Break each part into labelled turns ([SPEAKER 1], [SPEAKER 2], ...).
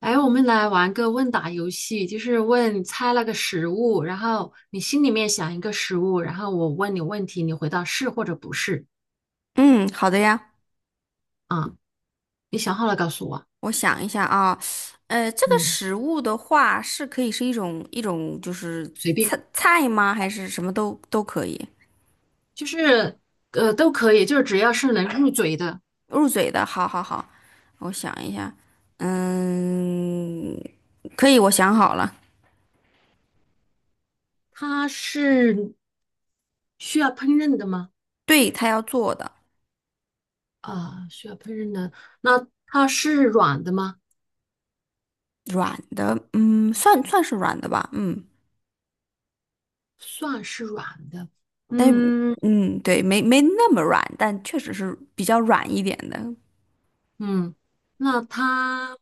[SPEAKER 1] 哎，我们来玩个问答游戏，就是问猜那个食物，然后你心里面想一个食物，然后我问你问题，你回答是或者不是。
[SPEAKER 2] 嗯，好的呀，
[SPEAKER 1] 啊。你想好了告诉我。
[SPEAKER 2] 我想一下啊，这个
[SPEAKER 1] 嗯，
[SPEAKER 2] 食物的话是可以是一种就是
[SPEAKER 1] 随便，
[SPEAKER 2] 菜吗？还是什么都可以
[SPEAKER 1] 就是都可以，就是只要是能入嘴的。
[SPEAKER 2] 入嘴的？好好好，我想一下，嗯，可以，我想好了，
[SPEAKER 1] 它是需要烹饪的吗？
[SPEAKER 2] 对，他要做的
[SPEAKER 1] 啊，需要烹饪的。那它是软的吗？
[SPEAKER 2] 软的，嗯，算是软的吧，嗯，
[SPEAKER 1] 算是软的。
[SPEAKER 2] 但是
[SPEAKER 1] 嗯
[SPEAKER 2] 嗯，对，没那么软，但确实是比较软一点的，
[SPEAKER 1] 嗯。那它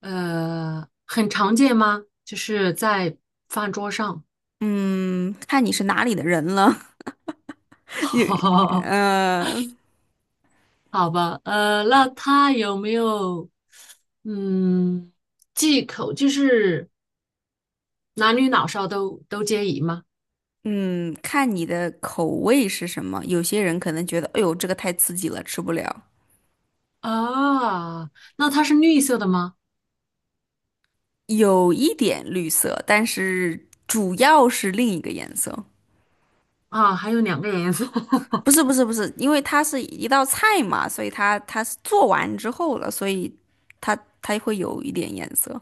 [SPEAKER 1] 很常见吗？就是在饭桌上。
[SPEAKER 2] 嗯，看你是哪里的人了，有，
[SPEAKER 1] 好
[SPEAKER 2] 呃。
[SPEAKER 1] 好吧，那他有没有嗯忌口？就是男女老少都皆宜吗？
[SPEAKER 2] 嗯，看你的口味是什么。有些人可能觉得，哎呦，这个太刺激了，吃不了。
[SPEAKER 1] 啊，那它是绿色的吗？
[SPEAKER 2] 有一点绿色，但是主要是另一个颜色。
[SPEAKER 1] 啊，还有两个颜色。
[SPEAKER 2] 不是，因为它是一道菜嘛，所以它是做完之后了，所以它它会有一点颜色。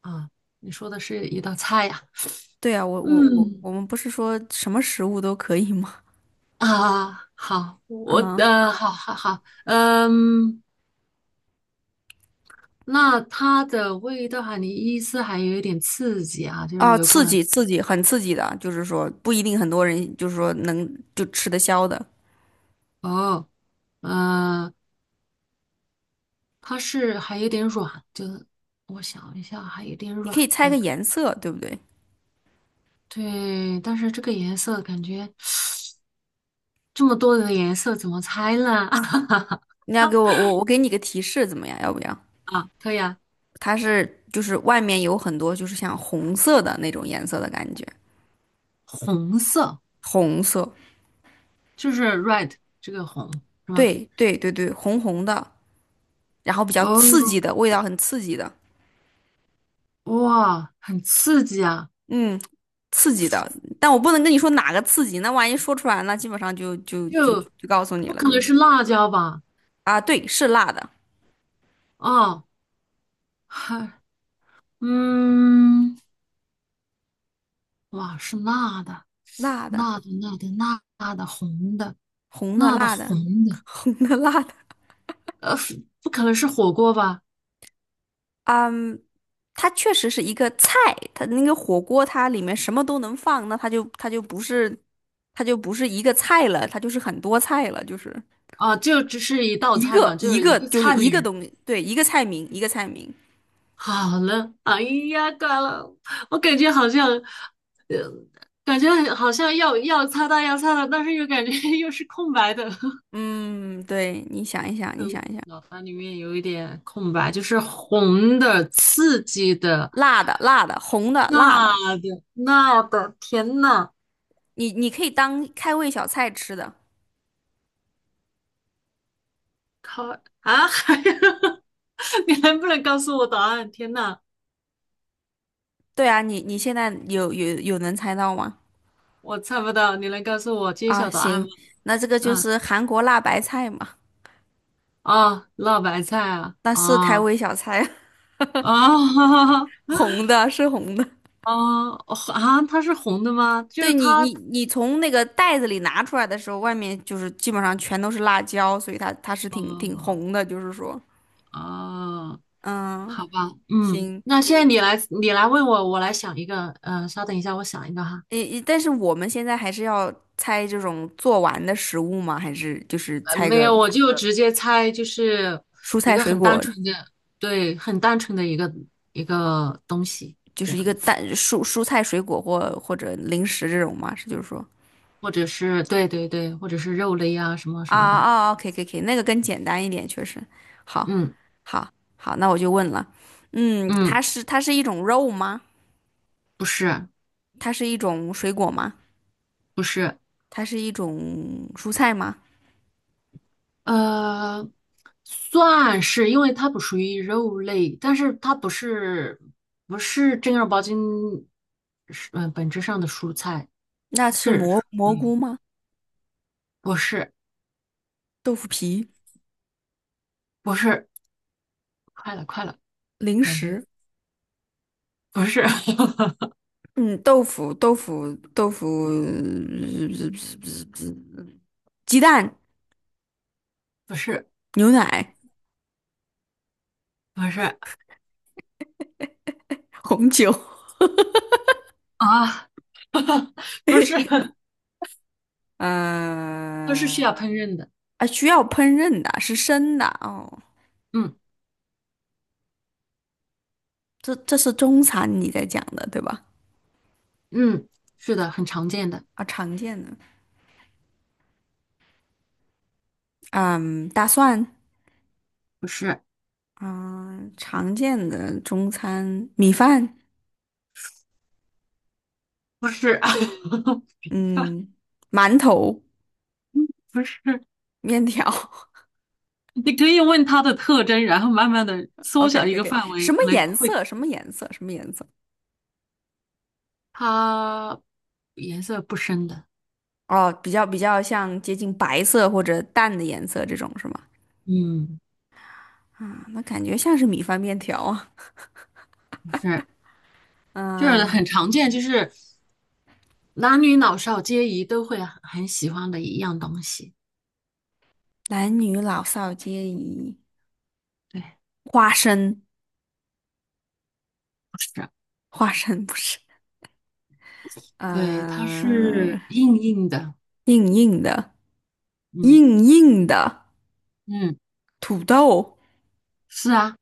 [SPEAKER 1] 啊。你说的是一道菜呀？
[SPEAKER 2] 对啊，我我我
[SPEAKER 1] 嗯
[SPEAKER 2] 我们不是说什么食物都可以吗？
[SPEAKER 1] 嗯，啊，好，
[SPEAKER 2] 啊
[SPEAKER 1] 好好好，嗯。那它的味道哈，你意思还有一点刺激啊，就是
[SPEAKER 2] 啊，
[SPEAKER 1] 有可
[SPEAKER 2] 刺
[SPEAKER 1] 能。
[SPEAKER 2] 激刺激，很刺激的，就是说不一定很多人就是说能就吃得消的。
[SPEAKER 1] 哦，呃，它是还有点软，就是我想一下，还有点
[SPEAKER 2] 你可以
[SPEAKER 1] 软
[SPEAKER 2] 猜个
[SPEAKER 1] 的。
[SPEAKER 2] 颜色，对不对？
[SPEAKER 1] 对，但是这个颜色感觉这么多的颜色怎么猜呢？
[SPEAKER 2] 你要给我，我给你个提示怎么样？要不要？
[SPEAKER 1] 可以啊。
[SPEAKER 2] 它是就是外面有很多就是像红色的那种颜色的感觉，
[SPEAKER 1] 红色
[SPEAKER 2] 红色，
[SPEAKER 1] 就是 red， 这个红。
[SPEAKER 2] 对对对对，红红的，然后比较刺
[SPEAKER 1] 哦，
[SPEAKER 2] 激的味道，很刺激的，
[SPEAKER 1] 哇，很刺激啊。
[SPEAKER 2] 嗯，刺激的。但我不能跟你说哪个刺激，那万一说出来，那基本上就就就
[SPEAKER 1] 就
[SPEAKER 2] 就告诉你
[SPEAKER 1] 不
[SPEAKER 2] 了，
[SPEAKER 1] 可
[SPEAKER 2] 就
[SPEAKER 1] 能
[SPEAKER 2] 是
[SPEAKER 1] 是辣椒吧？
[SPEAKER 2] 啊，对，是辣的，
[SPEAKER 1] 啊，还嗯，哇，是辣的。
[SPEAKER 2] 辣的，
[SPEAKER 1] 辣的辣的，辣的红的，
[SPEAKER 2] 红的
[SPEAKER 1] 辣的
[SPEAKER 2] 辣的，
[SPEAKER 1] 红 的。
[SPEAKER 2] 红的辣的。
[SPEAKER 1] 不可能是火锅吧？
[SPEAKER 2] 嗯，它确实是一个菜，它那个火锅它里面什么都能放，那它就不是它就不是一个菜了，它就是很多菜了，就是
[SPEAKER 1] 啊，就只是一道
[SPEAKER 2] 一
[SPEAKER 1] 菜
[SPEAKER 2] 个
[SPEAKER 1] 嘛，就
[SPEAKER 2] 一
[SPEAKER 1] 是一
[SPEAKER 2] 个
[SPEAKER 1] 个
[SPEAKER 2] 就是
[SPEAKER 1] 菜
[SPEAKER 2] 一
[SPEAKER 1] 名
[SPEAKER 2] 个
[SPEAKER 1] 儿。
[SPEAKER 2] 东西，对，一个菜名一个菜名。
[SPEAKER 1] 好了，哎呀，挂了，我感觉好像，感觉好像要擦到，但是又感觉 又是空白的，
[SPEAKER 2] 嗯，对，你想一想，你想一想，
[SPEAKER 1] 脑袋里面有一点空白，就是红的、刺激的、
[SPEAKER 2] 辣的辣的，红的辣的，
[SPEAKER 1] 辣的、辣的，天呐。
[SPEAKER 2] 你可以当开胃小菜吃的。
[SPEAKER 1] 靠啊！还有。 你能不能告诉我答案？天呐！
[SPEAKER 2] 对啊，你现在有能猜到吗？
[SPEAKER 1] 我猜不到，你能告诉我揭
[SPEAKER 2] 啊，
[SPEAKER 1] 晓答案吗？
[SPEAKER 2] 行，那这个就
[SPEAKER 1] 嗯。
[SPEAKER 2] 是韩国辣白菜嘛，
[SPEAKER 1] 哦，辣白菜啊。
[SPEAKER 2] 那是开
[SPEAKER 1] 哦，
[SPEAKER 2] 胃小菜啊。
[SPEAKER 1] 哦，
[SPEAKER 2] 红 的，是红的。
[SPEAKER 1] 哦。啊！它是红的吗？就
[SPEAKER 2] 对
[SPEAKER 1] 是
[SPEAKER 2] 你，
[SPEAKER 1] 它。
[SPEAKER 2] 你从那个袋子里拿出来的时候，外面就是基本上全都是辣椒，所以它是挺
[SPEAKER 1] 哦，
[SPEAKER 2] 红的，就是说，
[SPEAKER 1] 哦，
[SPEAKER 2] 嗯，
[SPEAKER 1] 好吧。嗯，
[SPEAKER 2] 行，
[SPEAKER 1] 那现在你来，问我，我来想一个，稍等一下，我想一个哈。
[SPEAKER 2] 诶，但是我们现在还是要猜这种做完的食物吗？还是就是猜
[SPEAKER 1] 没
[SPEAKER 2] 个
[SPEAKER 1] 有，我就直接猜，就是
[SPEAKER 2] 蔬
[SPEAKER 1] 一
[SPEAKER 2] 菜
[SPEAKER 1] 个
[SPEAKER 2] 水
[SPEAKER 1] 很单
[SPEAKER 2] 果，
[SPEAKER 1] 纯的，对，很单纯的一个东西。
[SPEAKER 2] 就
[SPEAKER 1] 这
[SPEAKER 2] 是一
[SPEAKER 1] 样
[SPEAKER 2] 个
[SPEAKER 1] 子，
[SPEAKER 2] 蔬菜水果或者零食这种吗？是就是说，
[SPEAKER 1] 或者是，对对对，或者是肉类啊，什么什
[SPEAKER 2] 啊
[SPEAKER 1] 么的。
[SPEAKER 2] 啊啊，可以可以可以，那个更简单一点，确实，好，
[SPEAKER 1] 嗯。
[SPEAKER 2] 好，好，那我就问了，嗯，它
[SPEAKER 1] 嗯，
[SPEAKER 2] 是它是一种肉吗？
[SPEAKER 1] 不是。
[SPEAKER 2] 它是一种水果吗？
[SPEAKER 1] 不是。
[SPEAKER 2] 它是一种蔬菜吗？
[SPEAKER 1] 呃，算是，因为它不属于肉类，但是它不是正儿八经是本质上的蔬菜。
[SPEAKER 2] 那是
[SPEAKER 1] 是。
[SPEAKER 2] 蘑菇
[SPEAKER 1] 嗯，
[SPEAKER 2] 吗？
[SPEAKER 1] 不是
[SPEAKER 2] 豆腐皮、
[SPEAKER 1] 不是，快了快了。
[SPEAKER 2] 零
[SPEAKER 1] 感觉
[SPEAKER 2] 食，
[SPEAKER 1] 不是。
[SPEAKER 2] 嗯，豆腐，鸡蛋、
[SPEAKER 1] 不是
[SPEAKER 2] 牛奶、
[SPEAKER 1] 不是
[SPEAKER 2] 红酒，
[SPEAKER 1] 啊，不是，它是需
[SPEAKER 2] 呃，
[SPEAKER 1] 要烹饪的。
[SPEAKER 2] 啊，需要烹饪的，是生的哦。
[SPEAKER 1] 嗯
[SPEAKER 2] 这这是中餐你在讲的对吧？
[SPEAKER 1] 嗯，是的，很常见的。
[SPEAKER 2] 啊，常见的，嗯，大蒜，
[SPEAKER 1] 不是
[SPEAKER 2] 嗯，常见的中餐米饭。
[SPEAKER 1] 不是
[SPEAKER 2] 嗯，馒头、
[SPEAKER 1] 不是。
[SPEAKER 2] 面条。
[SPEAKER 1] 你可以问它的特征，然后慢慢的
[SPEAKER 2] o
[SPEAKER 1] 缩
[SPEAKER 2] k
[SPEAKER 1] 小
[SPEAKER 2] o k
[SPEAKER 1] 一
[SPEAKER 2] o
[SPEAKER 1] 个
[SPEAKER 2] k
[SPEAKER 1] 范
[SPEAKER 2] 什
[SPEAKER 1] 围，
[SPEAKER 2] 么
[SPEAKER 1] 可能
[SPEAKER 2] 颜
[SPEAKER 1] 会。
[SPEAKER 2] 色？什么颜色？什么颜色？
[SPEAKER 1] 它颜色不深的。
[SPEAKER 2] 哦，比较像接近白色或者淡的颜色这种是吗？
[SPEAKER 1] 嗯，
[SPEAKER 2] 啊，那感觉像是米饭面条啊。
[SPEAKER 1] 不是。就是很
[SPEAKER 2] 嗯，
[SPEAKER 1] 常见，就是男女老少皆宜都会很喜欢的一样东西。
[SPEAKER 2] 男女老少皆宜。
[SPEAKER 1] 对，
[SPEAKER 2] 花生，
[SPEAKER 1] 不是。
[SPEAKER 2] 花生不是。
[SPEAKER 1] 对，它
[SPEAKER 2] 嗯，
[SPEAKER 1] 是硬硬的。
[SPEAKER 2] 硬硬的，
[SPEAKER 1] 嗯
[SPEAKER 2] 硬硬的
[SPEAKER 1] 嗯，
[SPEAKER 2] 土豆，
[SPEAKER 1] 是啊。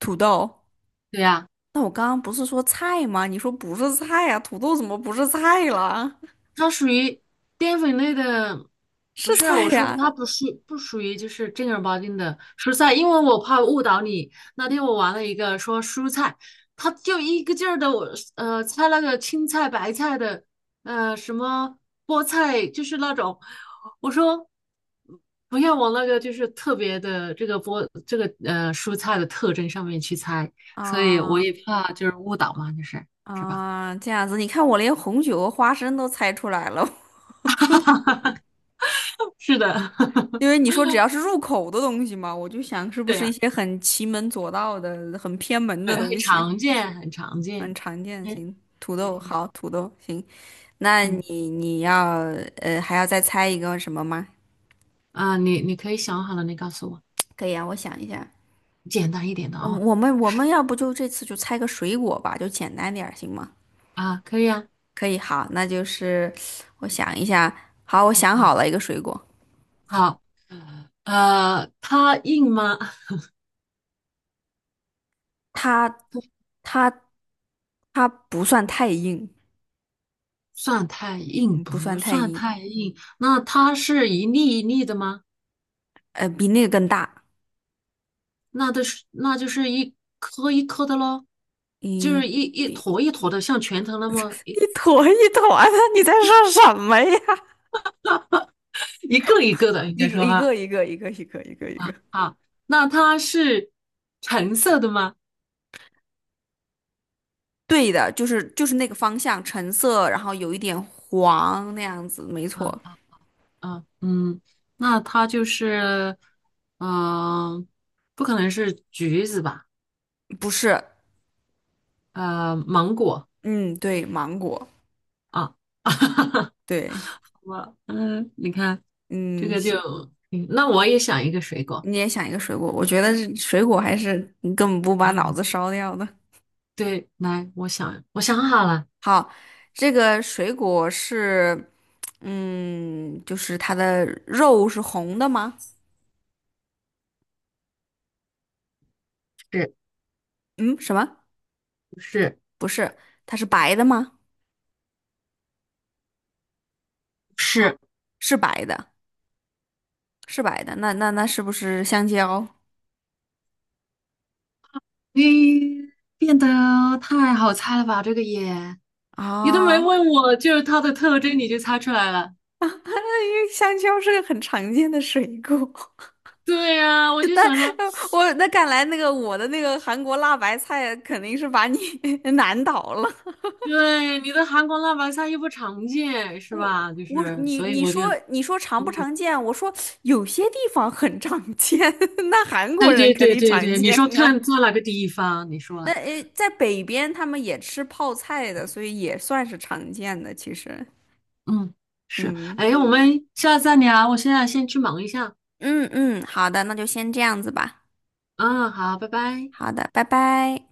[SPEAKER 2] 土豆。
[SPEAKER 1] 对呀，
[SPEAKER 2] 那我刚刚不是说菜吗？你说不是菜呀、土豆怎么不是菜了？
[SPEAKER 1] 它属于淀粉类的。不
[SPEAKER 2] 是
[SPEAKER 1] 是，
[SPEAKER 2] 菜
[SPEAKER 1] 我说
[SPEAKER 2] 呀、
[SPEAKER 1] 它不属于就是正儿八经的蔬菜，因为我怕误导你。那天我玩了一个说蔬菜，它就一个劲儿的我猜那个青菜、白菜的，什么菠菜，就是那种。我说不要往那个就是特别的这个菠这个呃蔬菜的特征上面去猜。所以我
[SPEAKER 2] 啊
[SPEAKER 1] 也怕就是误导嘛。就是是吧？
[SPEAKER 2] 啊，这样子，你看我连红酒和花生都猜出来了，
[SPEAKER 1] 是的，
[SPEAKER 2] 因为你说只要是入口的东西嘛，我就想是 不
[SPEAKER 1] 对
[SPEAKER 2] 是一
[SPEAKER 1] 呀。
[SPEAKER 2] 些很奇门左道的、很偏门
[SPEAKER 1] 对，
[SPEAKER 2] 的
[SPEAKER 1] 很
[SPEAKER 2] 东西，
[SPEAKER 1] 常见，很常
[SPEAKER 2] 很
[SPEAKER 1] 见。
[SPEAKER 2] 常见。
[SPEAKER 1] 嗯，
[SPEAKER 2] 行，土
[SPEAKER 1] 对。
[SPEAKER 2] 豆好，土豆行，那
[SPEAKER 1] 嗯
[SPEAKER 2] 你要还要再猜一个什么吗？
[SPEAKER 1] 啊，你可以想好了，你告诉我，
[SPEAKER 2] 可以啊，我想一下，
[SPEAKER 1] 简单一点的
[SPEAKER 2] 我
[SPEAKER 1] 哦。
[SPEAKER 2] 我们我们要不就这次就猜个水果吧，就简单点儿行吗？
[SPEAKER 1] 啊，可以啊。
[SPEAKER 2] 可以，好，那就是我想一下，好，我想
[SPEAKER 1] 嗯，
[SPEAKER 2] 好了一个水果。
[SPEAKER 1] 好。它硬吗？
[SPEAKER 2] 它它它不算太硬，
[SPEAKER 1] 算太硬，
[SPEAKER 2] 嗯，不
[SPEAKER 1] 不
[SPEAKER 2] 算太
[SPEAKER 1] 算
[SPEAKER 2] 硬，
[SPEAKER 1] 太硬。那它是一粒一粒的吗？
[SPEAKER 2] 呃，比那个更大，
[SPEAKER 1] 那都是，那就是一颗一颗的喽，就是
[SPEAKER 2] 一
[SPEAKER 1] 一坨
[SPEAKER 2] 比
[SPEAKER 1] 一坨的，像拳头那么一
[SPEAKER 2] 一坨一坨的，你在说什么呀？
[SPEAKER 1] 一个一个的，应
[SPEAKER 2] 一
[SPEAKER 1] 该
[SPEAKER 2] 个
[SPEAKER 1] 说
[SPEAKER 2] 一
[SPEAKER 1] 哈。
[SPEAKER 2] 个一个一个一个一个一个，
[SPEAKER 1] 好，那它是橙色的吗？
[SPEAKER 2] 对的，就是就是那个方向，橙色，然后有一点黄那样子，没错，
[SPEAKER 1] 啊。啊，嗯，那它就是。嗯、不可能是橘子吧？
[SPEAKER 2] 不是，
[SPEAKER 1] 芒果
[SPEAKER 2] 嗯，对，芒果，
[SPEAKER 1] 啊。
[SPEAKER 2] 对，
[SPEAKER 1] 你看这
[SPEAKER 2] 嗯，
[SPEAKER 1] 个就。
[SPEAKER 2] 行，
[SPEAKER 1] 那我也想一个水果。
[SPEAKER 2] 你也想一个水果，我觉得是水果还是你根本不
[SPEAKER 1] 啊，
[SPEAKER 2] 把脑子烧掉的。
[SPEAKER 1] 对，来，我想好了。
[SPEAKER 2] 好，这个水果是，嗯，就是它的肉是红的吗？
[SPEAKER 1] 是
[SPEAKER 2] 嗯，什么？
[SPEAKER 1] 不是？
[SPEAKER 2] 不是，它是白的吗？
[SPEAKER 1] 是，
[SPEAKER 2] 是白的，是白的。那是不是香蕉
[SPEAKER 1] 咦，变得太好猜了吧？这个也，你都没
[SPEAKER 2] 啊？
[SPEAKER 1] 问我，就是它的特征你就猜出来了。
[SPEAKER 2] 因为香蕉是个很常见的水果。
[SPEAKER 1] 对呀，我就想着。
[SPEAKER 2] 我那看来那个我的那个韩国辣白菜肯定是把你 难倒了。
[SPEAKER 1] 对，你的韩国辣白菜又不常见，是
[SPEAKER 2] 我
[SPEAKER 1] 吧？就
[SPEAKER 2] 我
[SPEAKER 1] 是，
[SPEAKER 2] 你
[SPEAKER 1] 所以
[SPEAKER 2] 你
[SPEAKER 1] 我就
[SPEAKER 2] 说你说常不
[SPEAKER 1] 懵了。
[SPEAKER 2] 常见？我说有些地方很常见，那韩国
[SPEAKER 1] 对
[SPEAKER 2] 人
[SPEAKER 1] 对
[SPEAKER 2] 肯
[SPEAKER 1] 对
[SPEAKER 2] 定
[SPEAKER 1] 对
[SPEAKER 2] 常
[SPEAKER 1] 对，你
[SPEAKER 2] 见
[SPEAKER 1] 说
[SPEAKER 2] 啊。
[SPEAKER 1] 看做哪个地方？你
[SPEAKER 2] 那
[SPEAKER 1] 说。
[SPEAKER 2] 诶，在北边他们也吃泡菜的，所以也算是常见的。其实，
[SPEAKER 1] 嗯，是。
[SPEAKER 2] 嗯
[SPEAKER 1] 哎，我们下次再聊，我现在先去忙一下。
[SPEAKER 2] 嗯，好的，那就先这样子吧。
[SPEAKER 1] 嗯，好，拜拜。
[SPEAKER 2] 好的，拜拜。